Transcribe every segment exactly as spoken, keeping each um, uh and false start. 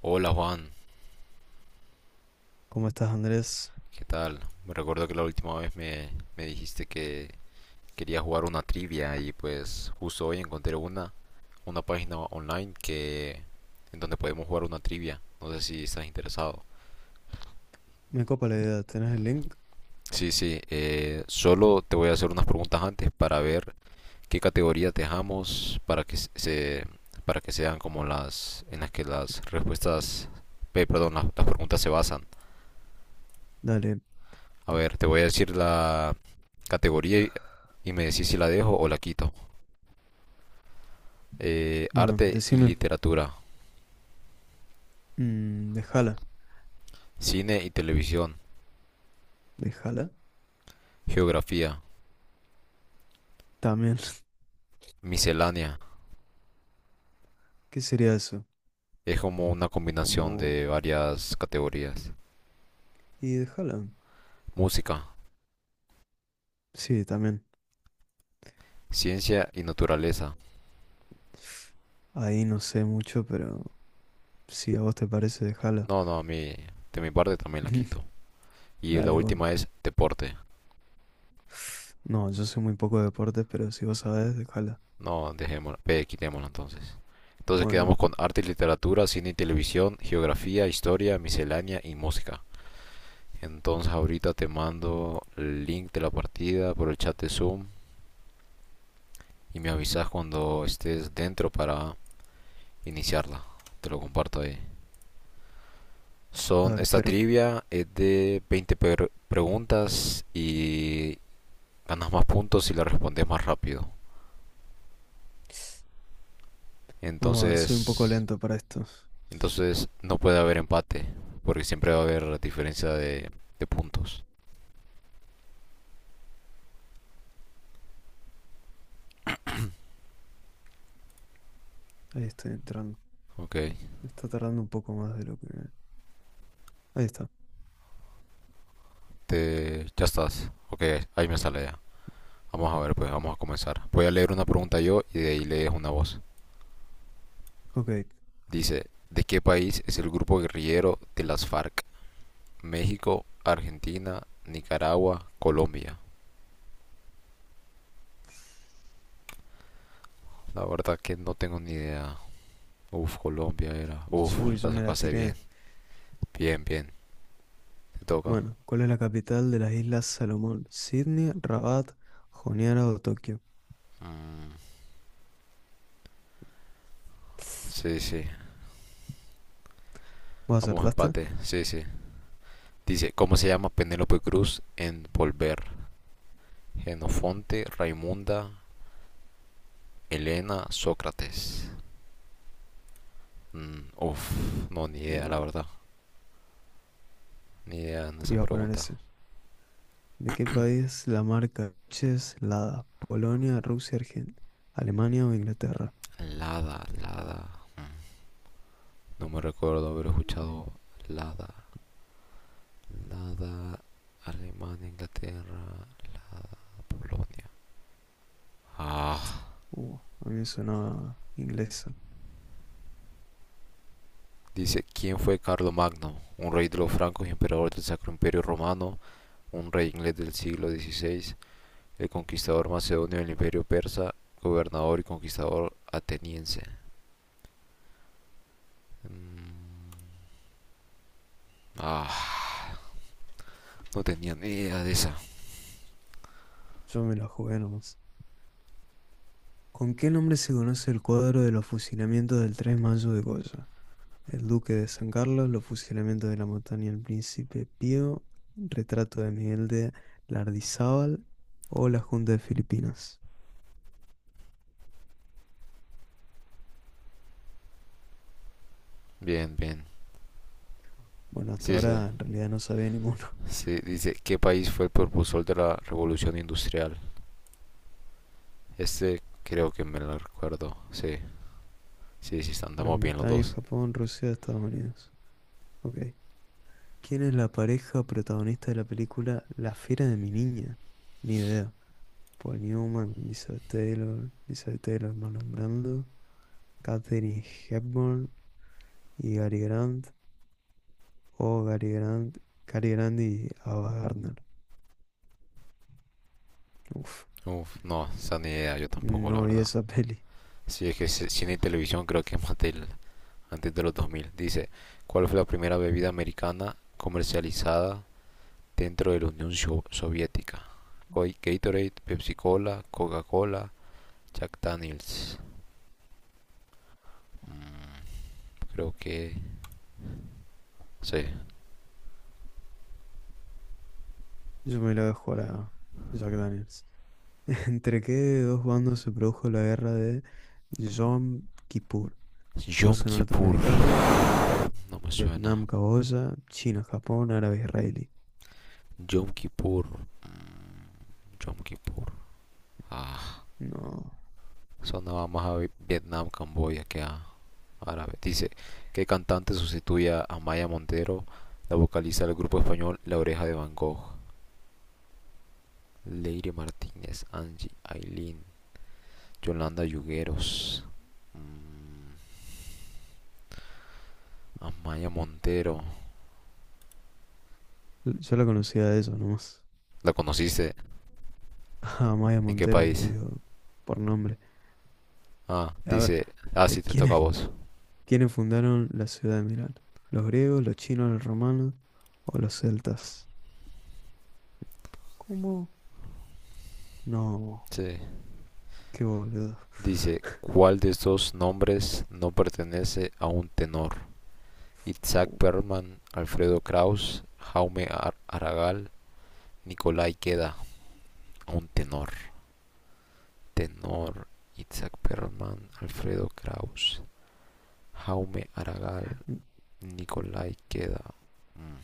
Hola Juan, ¿Cómo estás, Andrés? ¿qué tal? Me recuerdo que la última vez me, me dijiste que quería jugar una trivia y pues justo hoy encontré una, una página online que en donde podemos jugar una trivia. No sé si estás interesado. Me copa la idea. ¿Tenés el link? Sí, sí, eh, solo te voy a hacer unas preguntas antes para ver qué categoría te dejamos para que se para que sean como las en las que las respuestas, eh, perdón, las, las preguntas se basan. Dale. A ver, te voy a decir la categoría y y me decís si la dejo o la quito. Eh, Bueno, arte y decime. literatura, Mm, déjala. cine y televisión, ¿Déjala? geografía, También. miscelánea. ¿Qué sería eso? Es como una combinación Como... de varias categorías. Y déjala. Música, Sí, también. ciencia y naturaleza. Ahí no sé mucho, pero si a vos te parece, déjala. No, no, a mí, de mi parte también la quito. Y la Dale, bueno. última es deporte. No, yo sé muy poco de deportes, pero si vos sabés, déjala. No, dejémosla, P, quitémosla entonces. Entonces quedamos Bueno, con arte y literatura, cine y televisión, geografía, historia, miscelánea y música. Entonces ahorita te mando el link de la partida por el chat de Zoom y me avisas cuando estés dentro para iniciarla. Te lo comparto ahí. a Son, ver, esta espero. trivia es de veinte per- preguntas y ganas más puntos si la respondes más rápido. Vamos a ver, soy un poco Entonces, lento para esto. entonces no puede haber empate porque siempre va a haber diferencia de, de puntos. Ahí estoy entrando. Ok, Me está tardando un poco más de lo que... Ahí está. te, ya estás. Ok, ahí me sale ya. Vamos a ver, pues vamos a comenzar. Voy a leer una pregunta yo y de ahí lees una voz. Ok. Dice, ¿de qué país es el grupo guerrillero de las FARC? México, Argentina, Nicaragua, Colombia. La verdad que no tengo ni idea. Uf, Colombia era. Uf, Uy, yo la me la sacaste bien. tiré. Bien, bien. Te toca. Bueno, ¿cuál es la capital de las Islas Salomón? ¿Sydney, Rabat, Honiara o Tokio? Mm, sí, sí. ¿Vos Vamos acertaste? empate. Sí, sí. Dice, ¿cómo se llama Penélope Cruz en Volver? Genofonte, Raimunda, Elena, Sócrates. Mm, uf, no, ni idea, la Uh, verdad. Ni idea en esa Iba a poner pregunta. ese. ¿De qué país la marca Coches Lada? ¿Polonia, Rusia, Argen- Alemania o Inglaterra? Lada, Lada. No me recuerdo haber escuchado Lada. Lada, Alemania, Inglaterra, Polonia. Ah, Uh, a mí sonaba inglesa. dice, ¿quién fue Carlomagno? Un rey de los francos y emperador del Sacro Imperio Romano, un rey inglés del siglo dieciséis, el conquistador macedonio del Imperio Persa, gobernador y conquistador ateniense. Mm, ah, no tenía ni idea de esa. Yo me la jugué nomás. ¿Con qué nombre se conoce el cuadro de los fusilamientos del tres de mayo de Goya? El Duque de San Carlos, Los fusilamientos de la montaña del Príncipe Pío, Retrato de Miguel de Lardizábal o la Junta de Filipinas. Bien, bien. Bueno, hasta Sí, sí, ahora en realidad no sabía ninguno. sí. Dice, ¿qué país fue el propulsor de la revolución industrial? Este creo que me lo recuerdo. Sí, sí, sí, andamos Gran bien los Bretaña, dos. Japón, Rusia, Estados Unidos. Ok. ¿Quién es la pareja protagonista de la película La Fiera de mi Niña? Ni idea. Paul Newman, Elizabeth Taylor, Elizabeth Taylor, Marlon Brando, Katherine Hepburn y Gary Grant, o Gary Grant, Cary Grant y Ava Gardner. Uf, Uf, no, esa ni idea, yo tampoco, la no vi verdad. esa peli. Sí, es que c- cine y televisión creo que es más del, antes de los dos mil. Dice, ¿cuál fue la primera bebida americana comercializada dentro de la Unión Sho- Soviética? Hoy Gatorade, Pepsi Cola, Coca-Cola, Jack Daniels. Creo que sí. Yo me la dejo a Jack Daniels. ¿Entre qué dos bandos se produjo la guerra de Yom Kippur? Yom Rusia Kippur, norteamericana, no me suena. Vietnam caboya, China, Japón, árabe israelí. Yom Kippur, mm, Yom Kippur. Ah, No, sonaba más a Vietnam, Camboya que a árabe. Dice, ¿qué cantante sustituye a Maya Montero, la vocalista del grupo español La Oreja de Van Gogh? Leire Martínez, Angie, Aileen, Yolanda Yugueros, Amaya Montero. yo la conocía de eso nomás. ¿La conociste? A Maya ¿En qué Montero, país? digo, por nombre. Ah, A ver, dice, ah, eh, sí, te toca a ¿quiénes, vos. quiénes fundaron la ciudad de Milán? ¿Los griegos, los chinos, los romanos o los celtas? ¿Cómo? No, Sí. qué boludo. Dice, ¿cuál de estos nombres no pertenece a un tenor? Isaac Perlman, Alfredo Kraus, Jaume Ar- Aragall, Nicolai queda un tenor. Tenor Isaac Perlman, Alfredo Kraus, Jaume Aragal, Nicolai queda. Mm,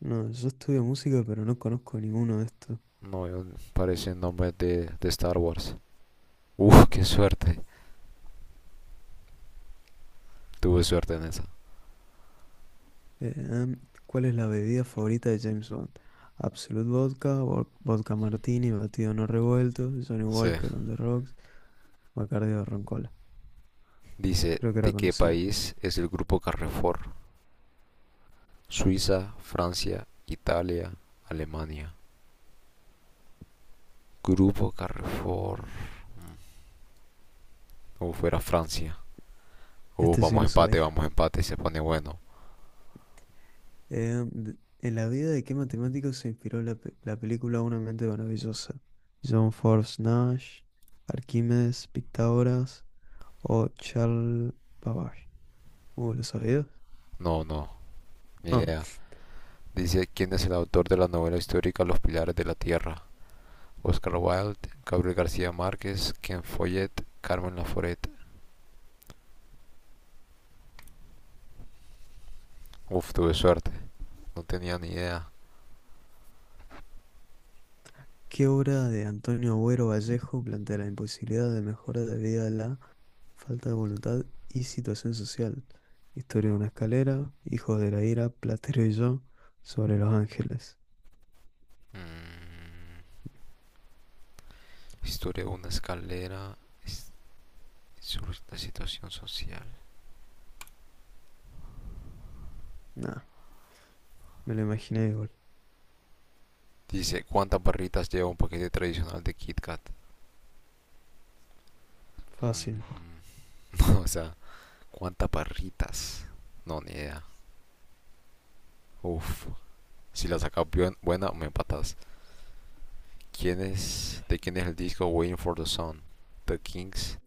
No, yo estudio música, pero no conozco ninguno de estos. No veo, parecen nombres de, de Star Wars. Uf, qué suerte. Tuve suerte en esa. Eh, em, ¿Cuál es la bebida favorita de James Bond? Absolute Vodka, vo- Vodka Martini, batido no revuelto, Johnny Sí. Walker on the rocks, Bacardi o Roncola. Dice, Creo que ¿de era qué conocido. país es el grupo Carrefour? Suiza, Francia, Italia, Alemania. Grupo Carrefour. Uf, fuera Francia. Uf, Este sí vamos lo a empate, sabía. vamos a empate, se pone bueno. Em, de- ¿en la vida de qué matemático se inspiró la, pe- la película Una mente maravillosa? John Forbes Nash, Arquímedes, Pitágoras o Charles Babbage. Uh, ¿lo sabías? No, no, ni Ah. idea. Dice quién es el autor de la novela histórica Los Pilares de la Tierra. Oscar Wilde, Gabriel García Márquez, Ken Follett, Carmen Laforet. Uf, tuve suerte. No tenía ni idea. ¿Qué obra de Antonio Agüero Vallejo plantea la imposibilidad de mejora debido a la falta de voluntad y situación social? Historia de una escalera, Hijos de la ira, Platero y yo, sobre los ángeles. Mm, historia de una escalera. Sobre la situación social. Nah, me lo imaginé igual. Dice, ¿cuántas barritas lleva un paquete tradicional de Kit Kat? Fácil. Mm, o sea, ¿cuántas barritas? No, ni idea. Uf. Si la sacas bien- buena, me empatas. ¿Quién es, ¿De quién es el disco Waiting for the Sun? The Kings,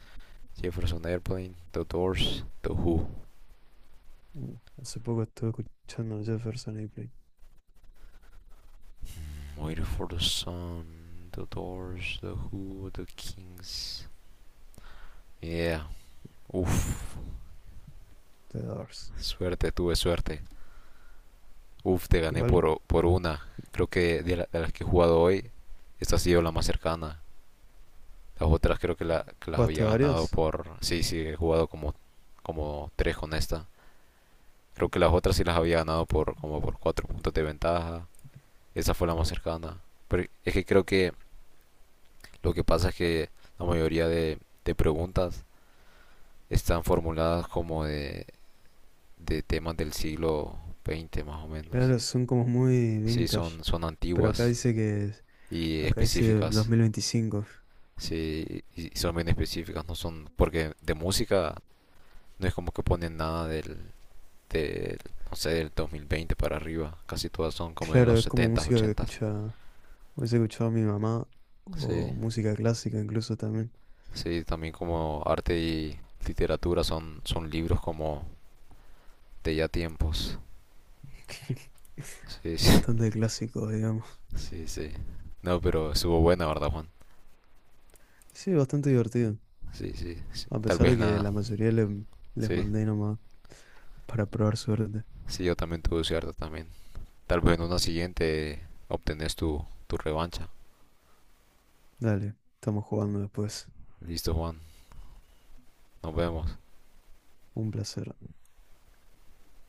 Jefferson Airplane, The Doors, The Who. Uh, hace poco estuve escuchando Jefferson Airplane, Waiting for the Sun, The Doors, The Who, The Kings. Yeah, uff. The Doors. Suerte, tuve suerte. Uff, te gané Igual, por, por una. Creo que de, la- de las que he jugado hoy, esta ha sido la más cercana. Las otras creo que, la, que las ¿jugaste había ganado varios? por. Sí, sí, he jugado como, como tres con esta. Creo que las otras sí las había ganado por como por cuatro puntos de ventaja. Esa fue la más cercana. Pero es que creo que lo que pasa es que la mayoría de, de preguntas están formuladas como de, de temas del siglo veinte más o menos. Claro, son como muy Sí, vintage. son, son Pero acá antiguas dice que, y acá dice específicas. dos mil veinticinco. Sí, y son bien específicas, no son. Porque de música no es como que ponen nada del, del no sé, del dos mil veinte para arriba. Casi todas son como de Claro, los es como setentas, música que ochentas. escucha hubiese escuchado a mi mamá o Sí. música clásica incluso también. Sí, también como arte y literatura son, son libros como de ya tiempos. Sí, sí, Bastante clásico digamos. sí, sí. No, pero estuvo buena, ¿verdad, Juan? Sí, bastante divertido. Sí, sí, sí. A Tal pesar vez de en que la. la mayoría le- les Sí, mandé nomás para probar suerte. sí, yo también tuve cierta también. Tal vez en una siguiente obtenés tu, tu revancha. Dale, estamos jugando después. Listo, Juan. Nos vemos. Un placer.